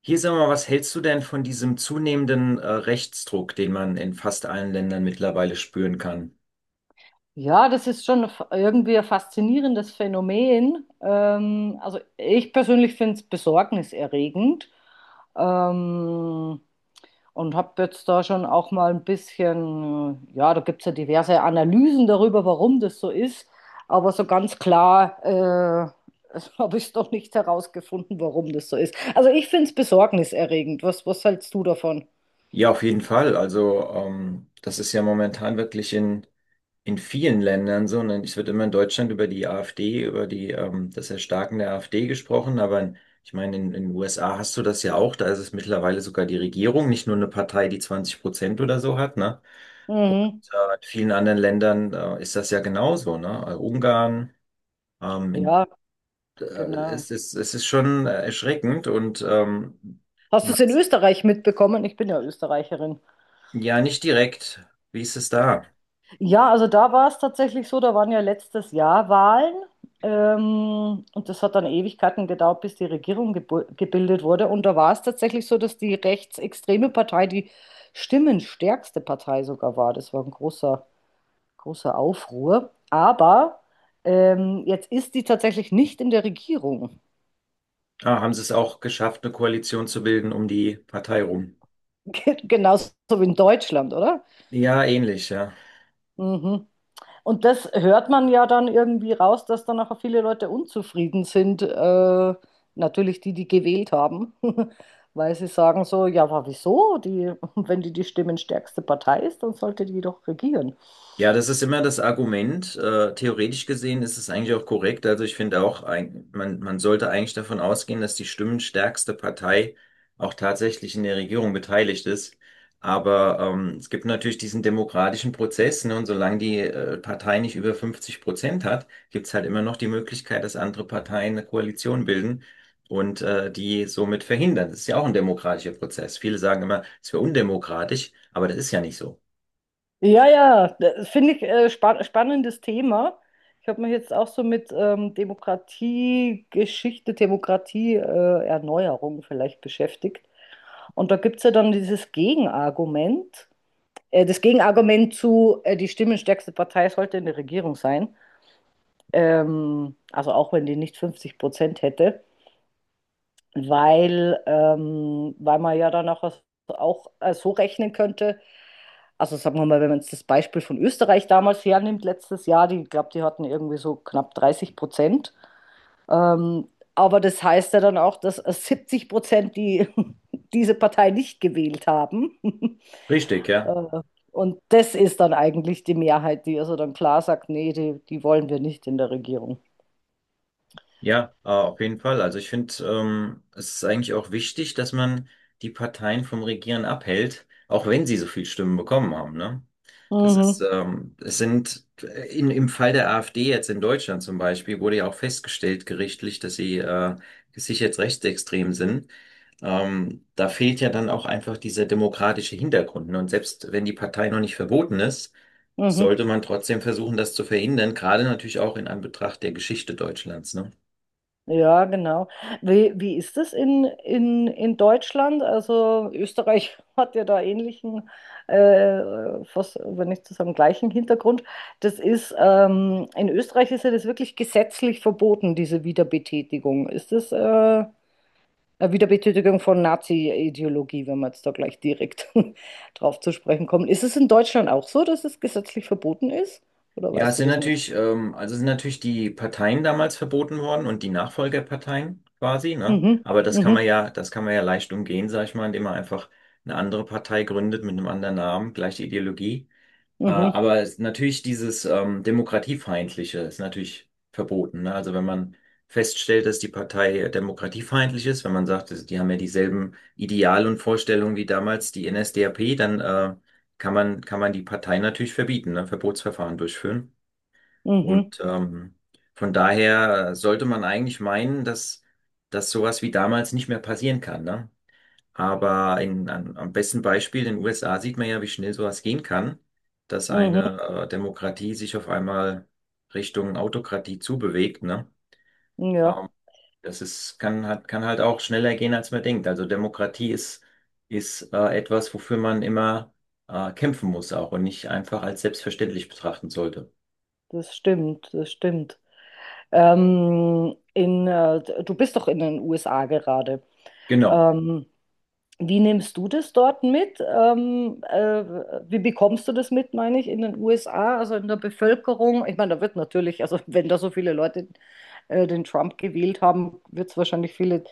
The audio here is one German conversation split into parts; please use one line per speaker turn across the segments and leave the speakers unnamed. Hier sag mal, was hältst du denn von diesem zunehmenden Rechtsdruck, den man in fast allen Ländern mittlerweile spüren kann?
Ja, das ist schon irgendwie ein faszinierendes Phänomen. Also ich persönlich finde es besorgniserregend, ähm, und habe jetzt da schon auch mal ein bisschen, ja, da gibt es ja diverse Analysen darüber, warum das so ist, aber so ganz klar habe ich es noch nicht herausgefunden, warum das so ist. Also ich finde es besorgniserregend. Was, was hältst du davon?
Ja, auf jeden Fall. Also das ist ja momentan wirklich in vielen Ländern so. Und es wird immer in Deutschland über die AfD, über das Erstarken der AfD gesprochen. Ich meine, in den USA hast du das ja auch. Da ist es mittlerweile sogar die Regierung, nicht nur eine Partei, die 20% oder so hat, ne? Und
Mhm.
in vielen anderen Ländern ist das ja genauso, ne? Ungarn. In
Ja, genau.
es ist schon erschreckend und
Hast du es
man-
in Österreich mitbekommen? Ich bin ja Österreicherin.
ja, nicht direkt. Wie ist es da?
Ja, also da war es tatsächlich so, da waren ja letztes Jahr Wahlen, und das hat dann Ewigkeiten gedauert, bis die Regierung gebildet wurde. Und da war es tatsächlich so, dass die rechtsextreme Partei die stimmenstärkste Partei sogar war. Das war ein großer, großer Aufruhr. Aber jetzt ist die tatsächlich nicht in der Regierung.
Ah, haben sie es auch geschafft, eine Koalition zu bilden um die Partei rum?
Genauso wie in Deutschland, oder?
Ja, ähnlich, ja.
Mhm. Und das hört man ja dann irgendwie raus, dass dann auch viele Leute unzufrieden sind. Natürlich die, die gewählt haben, weil sie sagen so: ja, aber wieso? Die, wenn die die stimmenstärkste Partei ist, dann sollte die doch regieren.
Ja, das ist immer das Argument. Theoretisch gesehen ist es eigentlich auch korrekt. Also ich finde auch, man sollte eigentlich davon ausgehen, dass die stimmenstärkste Partei auch tatsächlich in der Regierung beteiligt ist. Aber es gibt natürlich diesen demokratischen Prozess, ne, und solange die Partei nicht über 50% hat, gibt's halt immer noch die Möglichkeit, dass andere Parteien eine Koalition bilden und die somit verhindern. Das ist ja auch ein demokratischer Prozess. Viele sagen immer, es wäre undemokratisch, aber das ist ja nicht so.
Ja, ja, das finde ich spannendes Thema. Ich habe mich jetzt auch so mit Demokratiegeschichte, Demokratieerneuerung, Erneuerung vielleicht beschäftigt. Und da gibt es ja dann dieses Gegenargument. Das Gegenargument zu, die stimmenstärkste Partei sollte in der Regierung sein. Also auch wenn die nicht 50% hätte, weil man ja dann auch, auch so rechnen könnte. Also sagen wir mal, wenn man jetzt das Beispiel von Österreich damals hernimmt, letztes Jahr, die, ich glaube, die hatten irgendwie so knapp 30%. Ähm, aber das heißt ja dann auch, dass 70% die, diese Partei nicht gewählt haben.
Richtig, ja.
Äh, und das ist dann eigentlich die Mehrheit, die also dann klar sagt: nee, die, die wollen wir nicht in der Regierung.
Ja, auf jeden Fall. Also ich finde, es ist eigentlich auch wichtig, dass man die Parteien vom Regieren abhält, auch wenn sie so viel Stimmen bekommen haben, ne? Das ist,
Mhm,
es sind in, im Fall der AfD jetzt in Deutschland zum Beispiel wurde ja auch festgestellt gerichtlich, dass sie sich jetzt rechtsextrem sind. Da fehlt ja dann auch einfach dieser demokratische Hintergrund. Ne? Und selbst wenn die Partei noch nicht verboten ist,
mhm.
sollte man trotzdem versuchen, das zu verhindern, gerade natürlich auch in Anbetracht der Geschichte Deutschlands, ne?
Ja, genau. Wie ist das in Deutschland? Also Österreich hat ja da ähnlichen, fast, wenn nicht zusammen gleichen Hintergrund. Das ist, in Österreich ist ja das wirklich gesetzlich verboten, diese Wiederbetätigung. Wiederbetätigung von Nazi-Ideologie, wenn wir jetzt da gleich direkt drauf zu sprechen kommen. Ist es in Deutschland auch so, dass es gesetzlich verboten ist? Oder
Ja, es
weißt du
sind
das nicht?
natürlich, ähm, also es sind natürlich die Parteien damals verboten worden und die Nachfolgerparteien quasi, ne?
Mhm,
Aber das kann man
mhm,
ja, das kann man ja leicht umgehen, sag ich mal, indem man einfach eine andere Partei gründet mit einem anderen Namen, gleiche Ideologie. Äh,
mhm,
aber es, natürlich dieses Demokratiefeindliche ist natürlich verboten, ne? Also wenn man feststellt, dass die Partei demokratiefeindlich ist, wenn man sagt, dass die haben ja dieselben Ideale und Vorstellungen wie damals die NSDAP, dann kann man die Partei natürlich verbieten, ne? Verbotsverfahren durchführen.
mhm,
Und von daher sollte man eigentlich meinen, dass, dass sowas wie damals nicht mehr passieren kann, ne? Aber am besten Beispiel in den USA sieht man ja, wie schnell sowas gehen kann, dass
mhm.
eine Demokratie sich auf einmal Richtung Autokratie zubewegt, ne?
Ja,
Das ist, kann, hat, Kann halt auch schneller gehen, als man denkt. Also Demokratie ist etwas, wofür man immer kämpfen muss auch und nicht einfach als selbstverständlich betrachten sollte.
das stimmt, das stimmt. Du bist doch in den USA gerade.
Genau.
Ähm, Wie nimmst du das dort mit? Wie bekommst du das mit, meine ich, in den USA, also in der Bevölkerung? Ich meine, da wird natürlich, also wenn da so viele Leute den Trump gewählt haben, wird es wahrscheinlich viele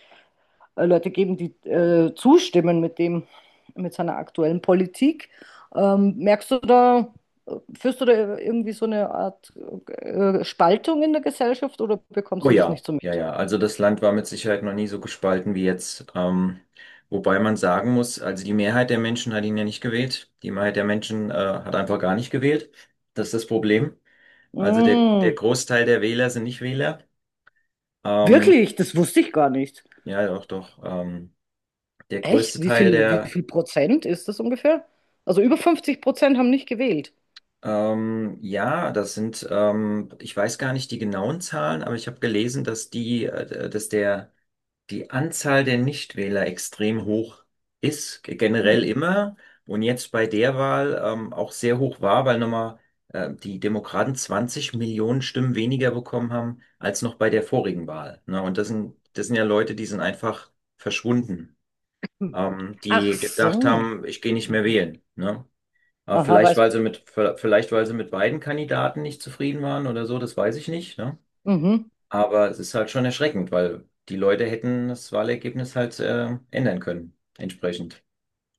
Leute geben, die zustimmen mit dem, mit seiner aktuellen Politik. Merkst du da, führst du da irgendwie so eine Art Spaltung in der Gesellschaft, oder
Oh
bekommst du das
ja,
nicht so
ja,
mit?
ja. Also das Land war mit Sicherheit noch nie so gespalten wie jetzt. Wobei man sagen muss, also die Mehrheit der Menschen hat ihn ja nicht gewählt. Die Mehrheit der Menschen hat einfach gar nicht gewählt. Das ist das Problem. Also der
Mm,
Großteil der Wähler sind nicht Wähler. Ähm,
Wirklich, das wusste ich gar nicht.
ja, doch, doch. Der
Echt?
größte Teil
Wie
der,
viel Prozent ist das ungefähr? Also über 50% haben nicht gewählt.
Ja, ich weiß gar nicht die genauen Zahlen, aber ich habe gelesen, dass die, dass der die Anzahl der Nichtwähler extrem hoch ist, generell
Mhm.
immer und jetzt bei der Wahl auch sehr hoch war, weil nochmal die Demokraten 20 Millionen Stimmen weniger bekommen haben als noch bei der vorigen Wahl. Ne? Und das sind ja Leute, die sind einfach verschwunden,
Hm. Ach
die gedacht
so.
haben, ich gehe nicht mehr
Mhm.
wählen. Ne? Aber
Aha,
vielleicht,
weiß.
weil sie mit, Vielleicht, weil sie mit beiden Kandidaten nicht zufrieden waren oder so, das weiß ich nicht. Ne?
Mhm.
Aber es ist halt schon erschreckend, weil die Leute hätten das Wahlergebnis halt ändern können, entsprechend.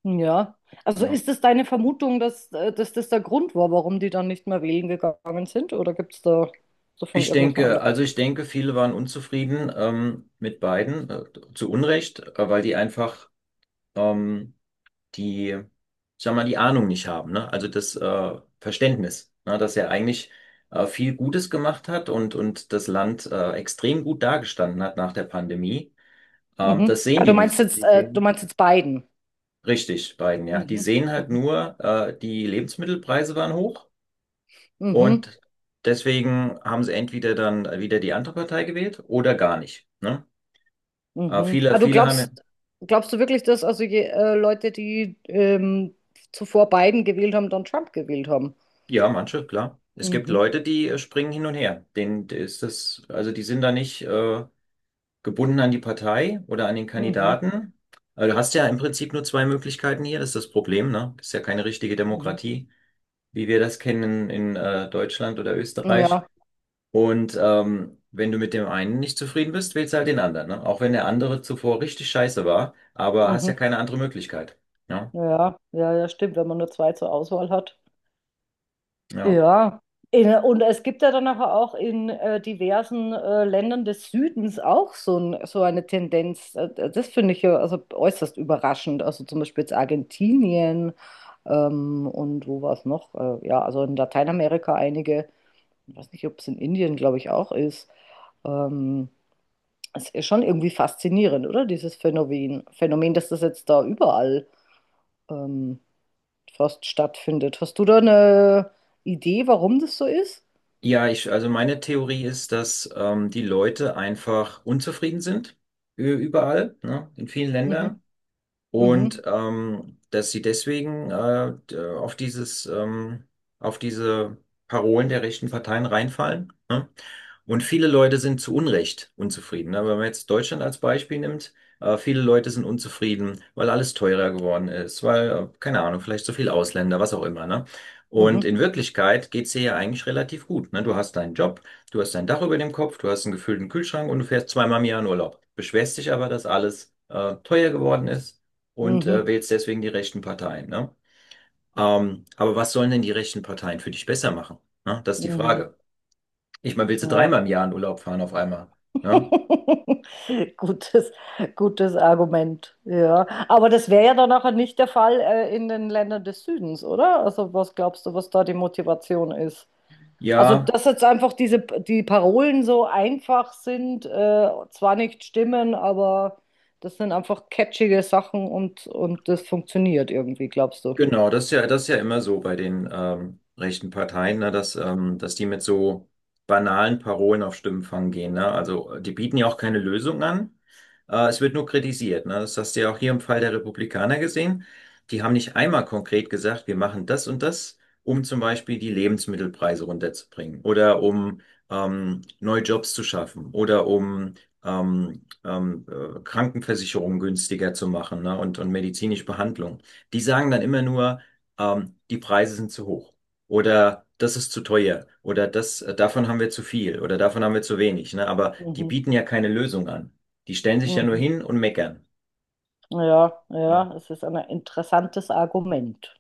Ja. Also
Ja.
ist es deine Vermutung, dass das der Grund war, warum die dann nicht mehr wählen gegangen sind? Oder gibt es da so von
Ich
irgendwelchen
denke,
anderen?
also ich denke, viele waren unzufrieden mit Biden, zu Unrecht, weil die einfach ähm, ich sag mal, die Ahnung nicht haben, ne? Also das Verständnis, ne? Dass er eigentlich viel Gutes gemacht hat und das Land extrem gut dargestanden hat nach der Pandemie.
Mhm.
Das sehen
Ah,
die
du
nicht
meinst
so.
jetzt,
Die
äh, du
sehen
meinst jetzt Biden.
Richtig, Biden, ja. Die
Mhm.
sehen halt
Mhm.
nur, die Lebensmittelpreise waren hoch
Mhm.
und deswegen haben sie entweder dann wieder die andere Partei gewählt oder gar nicht. Ne?
Mhm. Ah,
Viele haben ja,
glaubst du wirklich, dass also Leute, die zuvor Biden gewählt haben, dann Trump gewählt haben?
ja, manche, klar. Es gibt
Mhm,
Leute, die springen hin und her. Denen ist das, also die sind da nicht gebunden an die Partei oder an den
mhm,
Kandidaten. Also du hast ja im Prinzip nur zwei Möglichkeiten hier, das ist das Problem, ne? Das ist ja keine richtige
mhm.
Demokratie, wie wir das kennen in Deutschland oder Österreich.
Ja,
Und wenn du mit dem einen nicht zufrieden bist, wählst du halt den anderen, ne? Auch wenn der andere zuvor richtig scheiße war, aber hast
mhm.
ja keine andere Möglichkeit. Ja,
Ja, ja, ja, stimmt, wenn man nur zwei zur Auswahl hat.
ja.
Ja. Und es gibt ja dann aber auch in diversen Ländern des Südens auch so, ein, so eine Tendenz. Das finde ich ja also äußerst überraschend. Also zum Beispiel jetzt Argentinien, und wo war es noch? Ja, also in Lateinamerika einige. Ich weiß nicht, ob es in Indien, glaube ich, auch ist. Ähm, Es ist schon irgendwie faszinierend, oder? Dieses Phänomen. Phänomen, dass das jetzt da überall ähm, fast stattfindet. Hast du da eine Idee, warum das so ist?
Also meine Theorie ist, dass die Leute einfach unzufrieden sind, überall, ne? In vielen
Mhm,
Ländern. Und
mhm,
ähm, dass sie deswegen auf diese Parolen der rechten Parteien reinfallen. Ne? Und viele Leute sind zu Unrecht unzufrieden. Ne? Wenn man jetzt Deutschland als Beispiel nimmt, viele Leute sind unzufrieden, weil alles teurer geworden ist, weil, keine Ahnung, vielleicht so viel Ausländer, was auch immer. Ne? Und
mhm,
in Wirklichkeit geht's dir ja eigentlich relativ gut. Ne? Du hast deinen Job, du hast dein Dach über dem Kopf, du hast einen gefüllten Kühlschrank und du fährst zweimal im Jahr in Urlaub. Beschwerst dich aber, dass alles teuer geworden ist und
mhm,
wählst deswegen die rechten Parteien. Ne? Aber was sollen denn die rechten Parteien für dich besser machen? Ne? Das ist die
mhm.
Frage. Ich meine, willst du
Ja.
dreimal im Jahr in Urlaub fahren auf einmal? Ne?
Gutes, gutes Argument. Ja. Aber das wäre ja dann nachher nicht der Fall in den Ländern des Südens, oder? Also was glaubst du, was da die Motivation ist? Also,
Ja,
dass jetzt einfach diese, die Parolen so einfach sind, zwar nicht stimmen, aber das sind einfach catchige Sachen und das funktioniert irgendwie, glaubst du?
genau, das ist ja immer so bei den rechten Parteien, ne, dass die mit so banalen Parolen auf Stimmenfang gehen. Ne? Also die bieten ja auch keine Lösung an. Es wird nur kritisiert. Ne? Das hast du ja auch hier im Fall der Republikaner gesehen. Die haben nicht einmal konkret gesagt, wir machen das und das, um zum Beispiel die Lebensmittelpreise runterzubringen oder um neue Jobs zu schaffen oder um Krankenversicherungen günstiger zu machen, ne? Und medizinische Behandlung. Die sagen dann immer nur, die Preise sind zu hoch oder das ist zu teuer oder das, davon haben wir zu viel oder davon haben wir zu wenig, ne? Aber die
Mhm.
bieten ja keine Lösung an. Die stellen sich ja nur
Mhm.
hin und meckern.
Ja,
Ne?
ja, es ist ein interessantes Argument.